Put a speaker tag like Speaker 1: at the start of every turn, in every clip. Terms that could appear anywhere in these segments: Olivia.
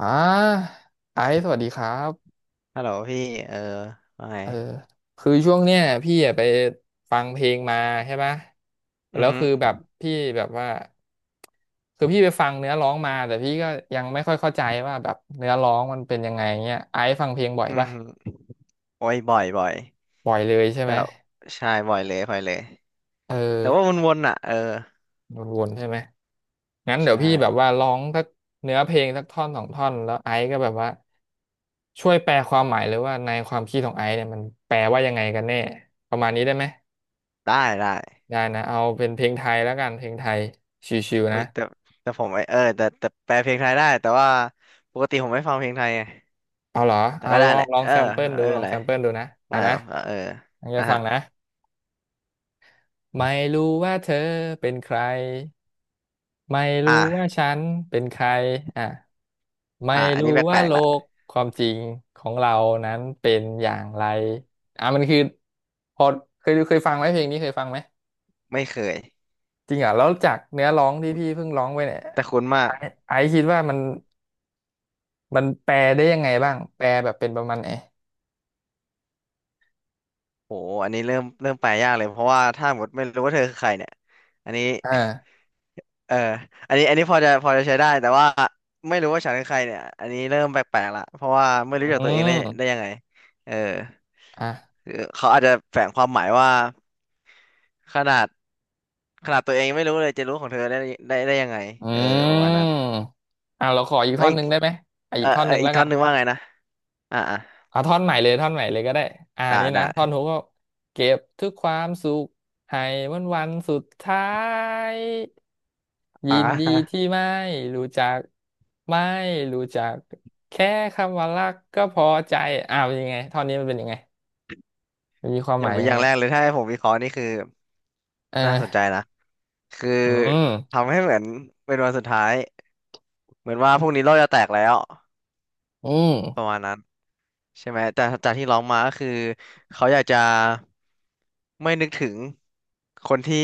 Speaker 1: อ่าไอซ์สวัสดีครับ
Speaker 2: ฮัลโหลพี่เออว่าไง
Speaker 1: เออคือช่วงเนี้ยพี่อะไปฟังเพลงมาใช่ปะ
Speaker 2: อื
Speaker 1: แล้
Speaker 2: อ
Speaker 1: ว
Speaker 2: ฮึ
Speaker 1: คือแบบพี่แบบว่าคือพี่ไปฟังเนื้อร้องมาแต่พี่ก็ยังไม่ค่อยเข้าใจว่าแบบเนื้อร้องมันเป็นยังไงเงี้ยไอซ์ฟังเพลงบ่อย
Speaker 2: อือ
Speaker 1: ปะ
Speaker 2: ฮึโอ้ยบ่อยบ่อย
Speaker 1: บ่อยเลยใช่ไห
Speaker 2: แต่
Speaker 1: ม
Speaker 2: ใช่บ่อยเลยบ่อยเลย
Speaker 1: เออ
Speaker 2: แต่ว่าวนๆอ่ะเออ
Speaker 1: วนๆใช่ไหมงั้นเดี๋ยว
Speaker 2: ใช่
Speaker 1: พี่แบบว่าร้องสักเนื้อเพลงสักท่อนสองท่อนแล้วไอซ์ก็แบบว่าช่วยแปลความหมายเลยว่าในความคิดของไอซ์เนี่ยมันแปลว่ายังไงกันแน่ประมาณนี้ได้ไหม
Speaker 2: ได้ได้
Speaker 1: ได้นะเอาเป็นเพลงไทยแล้วกันเพลงไทยชิวๆ
Speaker 2: เฮ้
Speaker 1: นะ
Speaker 2: ยแต่ผมไอเออแต่แปลเพลงไทยได้แต่ว่าปกติผมไม่ฟังเพลงไทยไง
Speaker 1: เอาเหรอ
Speaker 2: แต่
Speaker 1: เอา
Speaker 2: ก็
Speaker 1: ล
Speaker 2: ได้
Speaker 1: อ
Speaker 2: แห
Speaker 1: ง
Speaker 2: ละ
Speaker 1: ลอง
Speaker 2: เออ
Speaker 1: แซมเปิลดู
Speaker 2: ไม่
Speaker 1: ล
Speaker 2: เป็
Speaker 1: อ
Speaker 2: น
Speaker 1: ง
Speaker 2: ไร
Speaker 1: แซมเปิลดูนะ
Speaker 2: อ่า
Speaker 1: อ่ะนะ
Speaker 2: เออ
Speaker 1: ตั้งใจ
Speaker 2: อ่ะ
Speaker 1: ฟั
Speaker 2: ฮะ
Speaker 1: งนะไม่รู้ว่าเธอเป็นใคร ไม่รู้ว่า
Speaker 2: อ่า
Speaker 1: ฉันเป็นใครอ่ะไม่
Speaker 2: อ่าอัน
Speaker 1: รู้
Speaker 2: นี้แป
Speaker 1: ว่า
Speaker 2: ลก
Speaker 1: โล
Speaker 2: ๆละ
Speaker 1: กความจริงของเรานั้นเป็นอย่างไรอ่ะมันคือพอเคยฟังไหมเพลงนี้เคยฟังไหม
Speaker 2: ไม่เคย
Speaker 1: จริงเหรอแล้วจากเนื้อร้องที่พี่เพิ่งร้องไปเนี่ย
Speaker 2: แต่คุ้นมา
Speaker 1: ไอ
Speaker 2: ก
Speaker 1: ไอซ์คิดว่ามัน มันแปลได้ยังไงบ้างแปลแบบเป็นประมาณไหน
Speaker 2: โหอันนี้เริ่มแปลยากเลยเพราะว่าถ้าหมดไม่รู้ว่าเธอคือใครเนี่ยอันนี้
Speaker 1: อ่า
Speaker 2: เอออันนี้อันนี้พอจะใช้ได้แต่ว่าไม่รู้ว่าฉันเป็นใครเนี่ยอันนี้เริ่มแปลกๆละเพราะว่าไม่
Speaker 1: อื
Speaker 2: รู้จักตัวเองได้
Speaker 1: ม
Speaker 2: ยังไงเออ
Speaker 1: อ่ะ
Speaker 2: คือเขาอาจจะแฝงความหมายว่าขนาดขนาดตัวเองยังไม่รู้เลยจะรู้ของเธอได้ยังไง
Speaker 1: อื
Speaker 2: เออประมาณนั้น
Speaker 1: มอ่ะเราขออีก
Speaker 2: แล้
Speaker 1: ท่
Speaker 2: ว
Speaker 1: อน
Speaker 2: อี
Speaker 1: ห
Speaker 2: ก
Speaker 1: นึ่งได้ไหมอ่ะ
Speaker 2: เอ
Speaker 1: อี
Speaker 2: อ
Speaker 1: กท่อน
Speaker 2: เอ
Speaker 1: ห
Speaker 2: อ
Speaker 1: นึ่ง
Speaker 2: อี
Speaker 1: แล้
Speaker 2: ก
Speaker 1: ว
Speaker 2: ท่
Speaker 1: กั
Speaker 2: อ
Speaker 1: น
Speaker 2: นหนึ่งว่าไงนะอ่าอ่า
Speaker 1: เอาท่อนใหม่เลยท่อนใหม่เลยก็ได้อ่า
Speaker 2: ได้
Speaker 1: นี่
Speaker 2: ได้
Speaker 1: นะท่อนฮุกก็เก็บทุกความสุขให้วันวันสุดท้ายยิ
Speaker 2: อ่
Speaker 1: นดี
Speaker 2: า
Speaker 1: ที่ไม่รู้จักไม่รู้จักแค่คำว่ารักก็พอใจอ้าวยังไงท่อนนี้มันเป็นยังไงมันมีความ หมายยั
Speaker 2: อ
Speaker 1: ง
Speaker 2: ย่า
Speaker 1: ไง
Speaker 2: งแรกเลยถ้าให้ผมวิเคราะห์นี่คือ
Speaker 1: เอ
Speaker 2: น่า
Speaker 1: อ
Speaker 2: สนใจนะคือ
Speaker 1: อืม
Speaker 2: ทำให้เหมือนเป็นวันสุดท้ายเหมือนว่าพรุ่งนี้โลกจะแตกแล้ว
Speaker 1: อืม
Speaker 2: ประมาณนั้น ใช่ไหมแต่จากที่ร้องมาก็คือเขาอยากจะไม่นึกถึงคนที่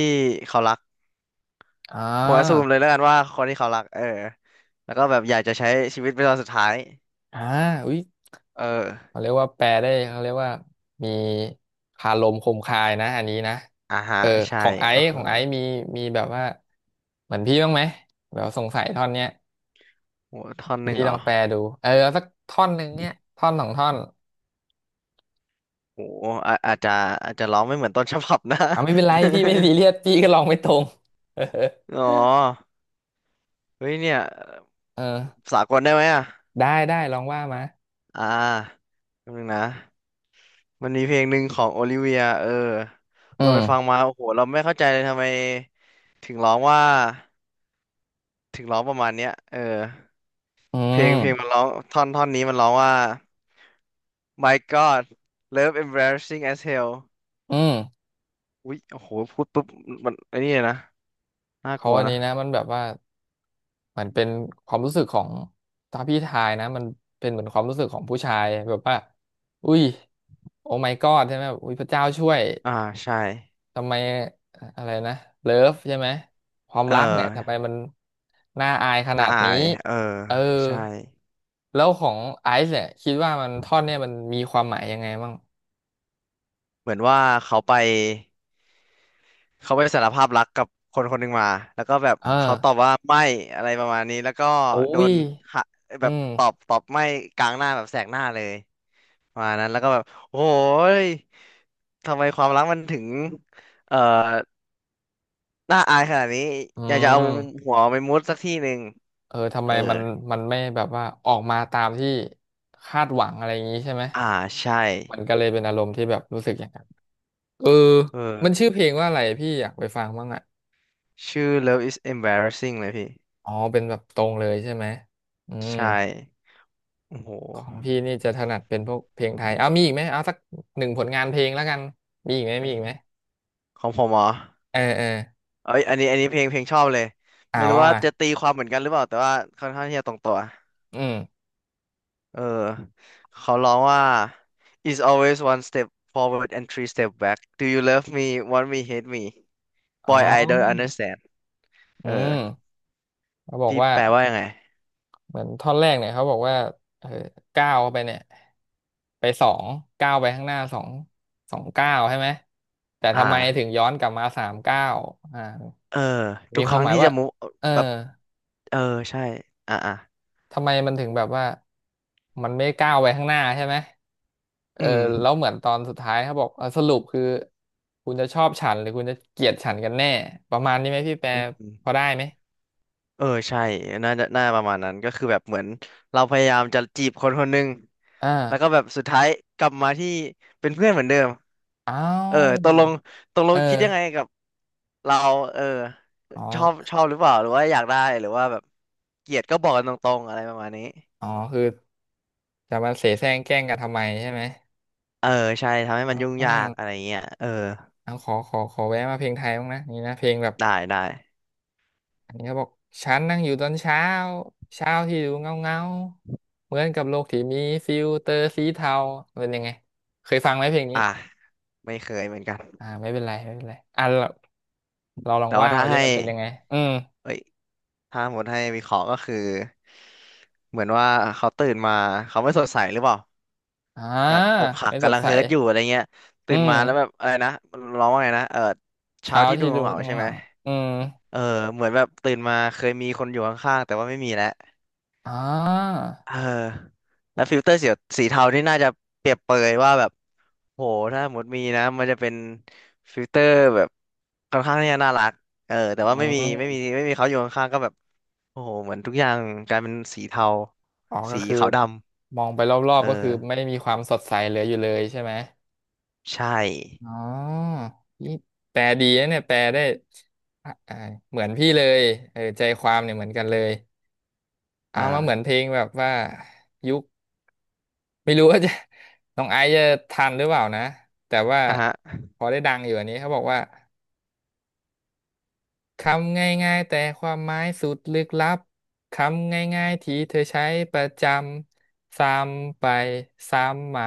Speaker 2: เขารัก
Speaker 1: อ่
Speaker 2: ผมอ s ซู
Speaker 1: า
Speaker 2: มเลยแล้วกันว่าคนที่เขารักเออแล้วก็แบบอยากจะใช้ชีวิตเป็นตอนสุดท้าย
Speaker 1: อ่าอุ๊ย
Speaker 2: เออ
Speaker 1: เขาเรียกว่าแปลได้เขาเรียกว่ามีคาลมคมคายนะอันนี้นะ
Speaker 2: อ่าฮะ
Speaker 1: เออ
Speaker 2: ใช่
Speaker 1: ของไอ
Speaker 2: เออ
Speaker 1: ซ์ข
Speaker 2: เห
Speaker 1: องไอซ์มีมีแบบว่าเหมือนพี่บ้างไหมแบบสงสัยท่อนเนี้ย
Speaker 2: โหท่อนหนึ่ง
Speaker 1: พี่
Speaker 2: เหร
Speaker 1: ลอ
Speaker 2: อ
Speaker 1: งแปลดูเออเอาสักท่อนหนึ่งเนี้ยท่อนสองท่อน
Speaker 2: โหอาอาจจะร้องไม่เหมือนต้นฉบับนะ
Speaker 1: อ่าไม่เป็นไรพี่ไม่ซีเรียสพี่ก็ลองไม่ตรง เออ
Speaker 2: อ๋อเฮ้ยเนี่ย
Speaker 1: เออ
Speaker 2: สากลได้ไหมอ่ะ
Speaker 1: ได้ได้ลองว่ามา
Speaker 2: อ่าแป๊บนึงนะ มันมีเพลงหนึ่งของโอลิเวียเออ
Speaker 1: อื
Speaker 2: เราไป
Speaker 1: ม
Speaker 2: ฟังมา โอ้โห เราไม่เข้าใจเลยทำไมถึงร้องว่าถึงร้องประมาณเนี้ยเออ
Speaker 1: อื
Speaker 2: เพลง
Speaker 1: ม
Speaker 2: มันร้องท่อนนี้มันร้องว่า My God Love Embarrassing as Hell
Speaker 1: อืม
Speaker 2: อุ๊ยโอ้โห พูดปุ๊บมันไอ้นี่เลยนะน่าก
Speaker 1: เขา
Speaker 2: ลัว
Speaker 1: อัน
Speaker 2: นะ
Speaker 1: นี้นะมันแบบว่า มันเป็นความรู้สึกของถ้าพี่ทายนะมันเป็นเหมือนความรู้สึกของผู้ชายแบบว่าอุ้ยโอ้ my god ใช่ไหมแบบอุ้ยพระเจ้าช่วย
Speaker 2: อ่า ใช่
Speaker 1: ทำไมอะไรนะเลิฟใช่ไหมความ
Speaker 2: เออ
Speaker 1: รักเนี่ยทำไมมันน่าอายขนา
Speaker 2: น่า
Speaker 1: ด
Speaker 2: อา
Speaker 1: นี้
Speaker 2: ย เออ
Speaker 1: เออ
Speaker 2: ใช่
Speaker 1: แล้วของไอซ์เนี่ยคิดว่ามันท่อนเนี่ยมันมีความหมายยังไงบ้าง
Speaker 2: เหมือนว่าเขาไป เขาไปสารภาพรักกับคนคนหนึ่งมา แล้วก็แบบ
Speaker 1: เออ
Speaker 2: เขาตอบว่าไม่อะไรประมาณนี้ แล้วก็
Speaker 1: โอ้
Speaker 2: โด
Speaker 1: ย
Speaker 2: นหะ
Speaker 1: อื
Speaker 2: แบบ
Speaker 1: ม
Speaker 2: ตอบไม่กลางหน้าแบบแสกหน้าเลยประมาณนั้นแล้วก็แบบโอ้ยทำไมความรักมันถึงเอ่อน่าอายขนาดนี้
Speaker 1: อื
Speaker 2: อยากจะเอา
Speaker 1: ม
Speaker 2: หัวไปมุดสักที่หนึ่ง
Speaker 1: เออทำ
Speaker 2: เออ
Speaker 1: ไมมันมันไม่แบบว่าออกมาตามที่คาดหวังอะไรอย่างนี้ใช่ไหม
Speaker 2: อ่าใช่
Speaker 1: มันก็เลยเป็นอารมณ์ที่แบบรู้สึกอย่างนั้นเออ
Speaker 2: เอ
Speaker 1: มัน
Speaker 2: อ
Speaker 1: ชื่อเพลงว่าอะไรพี่อยากไปฟังบ้างอ่ะ
Speaker 2: ชื่อ Love is embarrassing เลยพี่
Speaker 1: อ๋อเป็นแบบตรงเลยใช่ไหมอืม
Speaker 2: ใช่โอ้โห
Speaker 1: ของพี่นี่จะถนัดเป็นพวกเพลงไทยเอามีอีกไหมเอาสักหนึ่งผลงานเพลงแล้วกันมีอีกไหมมี
Speaker 2: เฮ้ย
Speaker 1: อีกไหม
Speaker 2: ของผมเหรอ
Speaker 1: เออเออ
Speaker 2: เอ้ยอันนี้ อันนี้เพลงชอบเลย
Speaker 1: อ่า
Speaker 2: ไม่รู้
Speaker 1: ว่า
Speaker 2: ว่า
Speaker 1: มา
Speaker 2: จะตีความเหมือนกันหรือเปล่า แต่ว่าค่อนข้างที่จะตรงตัว
Speaker 1: อืม
Speaker 2: เออเขาร้องว่า is always one step forward and three step back do you love me want me hate me
Speaker 1: อ๋อ
Speaker 2: boy I don't understand
Speaker 1: อื
Speaker 2: เออ
Speaker 1: มเขาบอก
Speaker 2: พี่
Speaker 1: ว่า
Speaker 2: แปลว่ายังไง
Speaker 1: เหมือนท่อนแรกเนี่ยเขาบอกว่าเออก้าวเขาไปเนี่ยไปสองก้าวไปข้างหน้าสองก้าวใช่ไหมแต่
Speaker 2: อ่
Speaker 1: ทำไมถึง
Speaker 2: า
Speaker 1: ย้อนกลับมาสามก้าวอ่า
Speaker 2: เออ ทุ
Speaker 1: มี
Speaker 2: ก
Speaker 1: ค
Speaker 2: ค
Speaker 1: วาม
Speaker 2: รั้ง
Speaker 1: หมาย
Speaker 2: ที่
Speaker 1: ว่า
Speaker 2: จะมุ
Speaker 1: เออ
Speaker 2: แบบเออใช่อ่าอ่า
Speaker 1: ทำไมมันถึงแบบว่ามันไม่ก้าวไปข้างหน้าใช่ไหมเอ
Speaker 2: อื
Speaker 1: อ
Speaker 2: ม
Speaker 1: แล้วเหมือนตอนสุดท้ายเขาบอกเออสรุปคือคุณจะชอบฉันหรือคุณจะเกลียดฉันกันแน่ประมาณนี้ไหมพี่แปร
Speaker 2: อืม
Speaker 1: พอได้ไหม
Speaker 2: เออใช่น่าจะน่าประมาณนั้นก็คือแบบเหมือนเราพยายามจะจีบคนคนหนึ่ง
Speaker 1: อ่า
Speaker 2: แล้วก็แบบสุดท้ายกลับมาที่เป็นเพื่อนเหมือนเดิม
Speaker 1: อ้า
Speaker 2: เออ
Speaker 1: ว
Speaker 2: ตกลงตกล
Speaker 1: เอ
Speaker 2: ง
Speaker 1: อ
Speaker 2: คิดยังไงกับเราเออ
Speaker 1: อ๋อ
Speaker 2: ชอบชอบหรือเปล่าหรือว่าอยากได้หรือว่าแบบเกลียดก็บอกกันตรงๆอะไรประมาณนี้
Speaker 1: อ๋อคือ จะมาเสแสร้งแกล้งกันทำไมใช่ไหม
Speaker 2: เออใช่ทำให้มันยุ่ง
Speaker 1: อื
Speaker 2: ยากอะไร
Speaker 1: ม
Speaker 2: เงี้ยเออ
Speaker 1: เอาขอแวะมาเพลงไทยบ้างนะนี่นะเพลงแบบ
Speaker 2: ได้ได้
Speaker 1: อันนี้เขาบอกฉันนั่งอยู่ตอนเช้าเช้าที่ดูเงาเงาเหมือนกับโลกที่มีฟิลเตอร์สีเทาเป็นยังไงเคยฟังไหมเพลงนี้
Speaker 2: อ่ะไม่เคยเหมือนกัน
Speaker 1: อ่าไม่เป็นไรอ่ะเราลอง
Speaker 2: แต่ว่า
Speaker 1: ว่า
Speaker 2: ถ้า
Speaker 1: มาดิ
Speaker 2: ให้
Speaker 1: มันเป็นยังไงอืม
Speaker 2: เอ้ยถ้าหมดให้วิเคราะห์ก็คือเหมือนว่าเขาตื่นมาเขาไม่สดใสหรือเปล่า
Speaker 1: อ่า
Speaker 2: แบบอกหัก
Speaker 1: ไม่ส
Speaker 2: กำ
Speaker 1: ด
Speaker 2: ลัง
Speaker 1: ใส
Speaker 2: เฮิร์ตอยู่อะไรเงี้ย
Speaker 1: อื
Speaker 2: ตื่น
Speaker 1: ม
Speaker 2: มาแล้วแบบอะไรนะร้องว่าไงนะเออเช้า
Speaker 1: เช้า
Speaker 2: ที่ดู
Speaker 1: ที่ดู
Speaker 2: เหงาๆ
Speaker 1: เงา
Speaker 2: ใช่ไหม
Speaker 1: เงาอืม
Speaker 2: เออเหมือนแบบตื่นมาเคยมีคนอยู่ข้างๆแต่ว่าไม่มีแล้ว
Speaker 1: อ่า
Speaker 2: เออแล้วฟิลเตอร์สีเทานี่น่าจะเปรียบเปรยว่าแบบโหถ้าหมดมีนะมันจะเป็นฟิลเตอร์แบบค่อนข้างที่จะน่ารักเออแต่
Speaker 1: อื
Speaker 2: ว่าไม่มีไม่
Speaker 1: ม
Speaker 2: มีไม่มีเขาอยู่ข้างๆก็แบบโอ้โหเหมือนทุกอย่างกลายเป็นสีเทา
Speaker 1: อ๋อ ก็
Speaker 2: สี
Speaker 1: คือ
Speaker 2: ขาวด
Speaker 1: มองไปรอ
Speaker 2: ำ
Speaker 1: บ
Speaker 2: เอ
Speaker 1: ๆ ก็คือ
Speaker 2: อ
Speaker 1: ไม่มีความสดใสเหลืออยู่เลยใช่ไหม
Speaker 2: ใช่
Speaker 1: อ๋อนี่แปลดีนะเนี่ยแปลได้อ่ะอ่ะเหมือนพี่เลยเออใจความเนี่ยเหมือนกันเลยเอามาเหมือน
Speaker 2: อ่า
Speaker 1: เพลงแบบว่ายุคไม่รู้ว่าจะ น้องไอซ์จะทันหรือเปล่านะแต่ว่า
Speaker 2: อ่ะฮะ
Speaker 1: พอได้ดังอยู่อันนี้เขาบอกว่า คำง่ายๆแต่ความหมายสุดลึกลับคำง่ายๆที่เธอใช้ประจำซ้ำไปซ้ำมา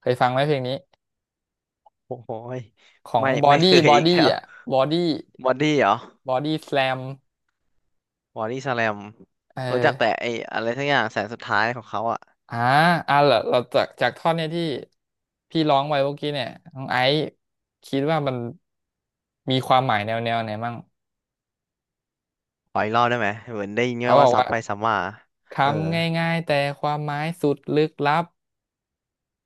Speaker 1: เคยฟังไหมเพลงนี้
Speaker 2: โอ้โหย
Speaker 1: ของ
Speaker 2: ไม่
Speaker 1: บอ
Speaker 2: ไม่เค
Speaker 1: ดี้
Speaker 2: ย
Speaker 1: บอ
Speaker 2: อีกแล้
Speaker 1: ดี้
Speaker 2: ว
Speaker 1: อ่ะบอดี้
Speaker 2: บอดี้เหรอ
Speaker 1: บอดี้สแลม
Speaker 2: บอดี้สแลม
Speaker 1: เออ
Speaker 2: รู้จักแต่ไอ้อะไรทั้งอย่างแสนสุดท้ายของเขาอ่ะ
Speaker 1: อ่าอ่าเราจากท่อนเนี่ยที่พี่ร้องไว้เมื่อกี้เนี่ยน้องไอซ์คิดว่ามันมีความหมายแนวไหนมั่ง
Speaker 2: ขออีกรอบได้ไหมเหมือนได้ยิน
Speaker 1: เขาบอ
Speaker 2: ว่า
Speaker 1: กว่า
Speaker 2: ซ้ำไปซ้ำมาเออ
Speaker 1: คำง่ายๆแต่ความหมายสุดลึกลับ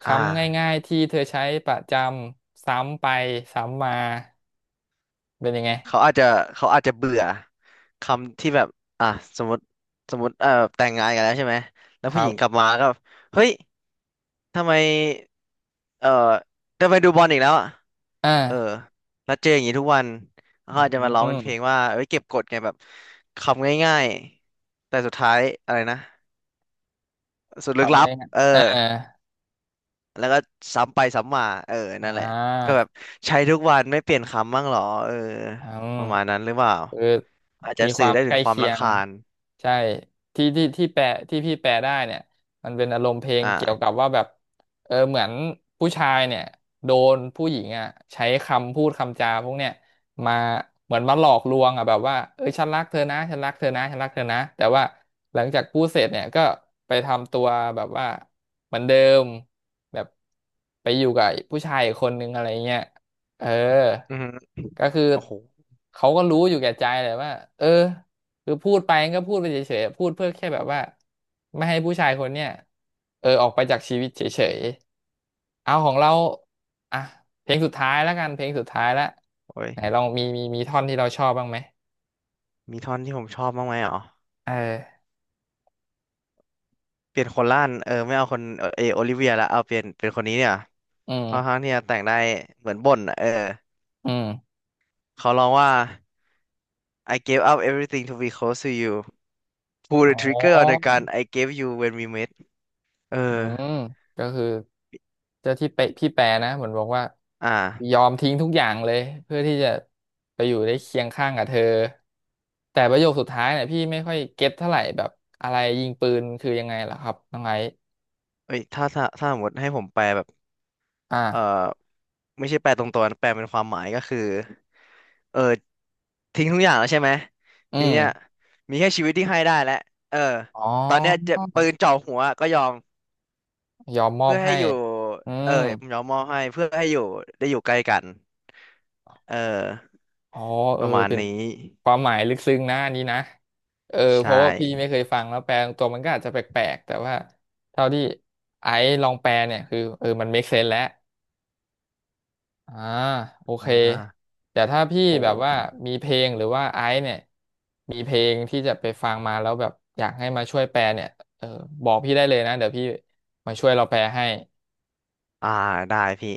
Speaker 1: ค
Speaker 2: อ่า
Speaker 1: ำง่ายๆที่เธอใช้ประจำซ้ำไปซ้ำมาเป็นยังไง
Speaker 2: เขาอาจจะเขาอาจจะเบื่อคำที่แบบอ่ะสมมติสมมติเอ่อแต่งงานกันแล้วใช่ไหมแล้ว
Speaker 1: ค
Speaker 2: ผู้ห
Speaker 1: รั
Speaker 2: ญิ
Speaker 1: บ
Speaker 2: งกลับมาก็เฮ้ยทำไมเออทำไมดูบอลอีกแล้วอ่ะ
Speaker 1: อ่า
Speaker 2: เออแล้วเจออย่างนี้ทุกวัน
Speaker 1: อื
Speaker 2: เขาอาจจะมาร้องเป็นเพลง
Speaker 1: ม
Speaker 2: ว่าเอ้ยเก็บกดไงแบบคำง่ายๆแต่สุดท้ายอะไรนะสุดลึกลั
Speaker 1: คำ
Speaker 2: บ
Speaker 1: ง่าย
Speaker 2: เออ
Speaker 1: ๆ
Speaker 2: แล้วก็ซ้ำไปซ้ำมาเออนั่
Speaker 1: อ่
Speaker 2: นแหละก็
Speaker 1: า
Speaker 2: แบบใช้ทุกวันไม่เปลี่ยนคำบ้างเหรอเออ
Speaker 1: อืม
Speaker 2: ประมาณนั้นหรือเปล่า
Speaker 1: คือ
Speaker 2: อาจจะ
Speaker 1: มีค
Speaker 2: สื่
Speaker 1: วา
Speaker 2: อ
Speaker 1: ม
Speaker 2: ได้
Speaker 1: ใก
Speaker 2: ถึง
Speaker 1: ล้
Speaker 2: ความ
Speaker 1: เคีย
Speaker 2: รำ
Speaker 1: ง
Speaker 2: คาญ
Speaker 1: ใช่ที่แปลที่พี่แปลได้เนี่ยมันเป็นอารมณ์เพลง
Speaker 2: อ่า
Speaker 1: เกี่ยวกับว่าแบบเหมือนผู้ชายเนี่ยโดนผู้หญิงอ่ะใช้คำพูดคำจาพวกเนี่ยมาเหมือนมาหลอกลวงอ่ะแบบว่าเออฉันรักเธอนะฉันรักเธอนะฉันรักเธอนะแต่ว่าหลังจากพูดเสร็จเนี่ยก็ไปทำตัวแบบว่าเหมือนเดิมแบบไปอยู่กับผู้ชายอีกคนนึงอะไรเงี้ย เออ
Speaker 2: อือฮึ
Speaker 1: ก็คือ
Speaker 2: โอ้โห
Speaker 1: เขาก็รู้อยู่แก่ใจแหละว่าเออคือพูดไปก็พูดไปเฉยๆพูดเพื่อแค่แบบว่าไม่ให้ผู้ชายคนเนี้ยออกไปจากชีวิตเฉยๆเอาของเราอ่ะเพลงสุดท้ายแล้วกัน เพลงสุดท้ายแล้ว
Speaker 2: โอ้ย
Speaker 1: ไหนลองมีท่อนที่เราชอบบ้างไหม
Speaker 2: มีท่อนที่ผมชอบบ้างไหมอ๋อ
Speaker 1: เออ
Speaker 2: เปลี่ยนคนล่านเออไม่เอาคนเออเอโอลิเวียละเอาเปลี่ยนเป็นคนนี้เนี่ย
Speaker 1: อื
Speaker 2: ค่อนข้าง
Speaker 1: ม
Speaker 2: ที่จะแต่งได้เหมือนบ่นอะเออ
Speaker 1: อืม
Speaker 2: เขาร้องว่า I gave up everything to be close to you pull
Speaker 1: อ๋อ
Speaker 2: the trigger on the gun I gave you when we met เอ
Speaker 1: อื
Speaker 2: อ
Speaker 1: มก็คือเจ้าที่เปพี่แปรนะเหมือนบอกว่า
Speaker 2: อ
Speaker 1: ย
Speaker 2: ่า
Speaker 1: อมทิ้งทุกอย่างเลยเพื่อที่จะไปอยู่ได้เคียงข้างกับเธอแต่ประโยคสุดท้ายเนี่ยพี่ไม่ค่อยเก็ตเท่าไหร่แบบอะไรยิงปืนคือยังไงล่ะครับน้องไอซ์
Speaker 2: เอ้ยถ้าสมมติให้ผมแปลแบบ
Speaker 1: อ
Speaker 2: เอ่อ
Speaker 1: ่า
Speaker 2: ไม่ใช่แปลตรงตัวนะแปลเป็นความหมายก็คือเออทิ้งทุกอย่างแล้วใช่ไหม
Speaker 1: อื
Speaker 2: ที
Speaker 1: ม
Speaker 2: เนี้ยมีแค่ชีวิตที่ให้ได้แล้วเออ
Speaker 1: อ๋อ
Speaker 2: ตอนเนี้ยจะปืนจ่อหัวก็ยอม
Speaker 1: ยอมมอ
Speaker 2: เพื่
Speaker 1: บ
Speaker 2: อให้
Speaker 1: ให้
Speaker 2: อยู่
Speaker 1: อื
Speaker 2: เออ
Speaker 1: ม
Speaker 2: ยอมมอบให้เพื่อให้อยู่ได้อยู่ใกล้กันเออ
Speaker 1: อ๋อ
Speaker 2: ป
Speaker 1: เออ
Speaker 2: ระมาณ
Speaker 1: เป็น
Speaker 2: นี้
Speaker 1: ความหมายลึกซึ้งนะอันนี้นะเออเพ
Speaker 2: ใช่
Speaker 1: ราะว่าพี่ไม่เคยฟังแล้วแปลตัวมันก็อาจจะแปลกๆแต่ว่าเท่าที่ไอ้ลองแปลเนี่ยคือเออมัน make sense แล้วอ่าโอเค
Speaker 2: อ่า
Speaker 1: แต่ถ้าพี่แบบ
Speaker 2: โห
Speaker 1: ว่ามีเพลงหรือว่าเนี่ยมีเพลงที่จะไปฟังมาแล้วแบบอยากให้มาช่วยแปลเนี่ยเออบอกพี่ได้เลยนะเดี๋ยวพี่มาช่วยเราแปลให้
Speaker 2: อ่าได้พี่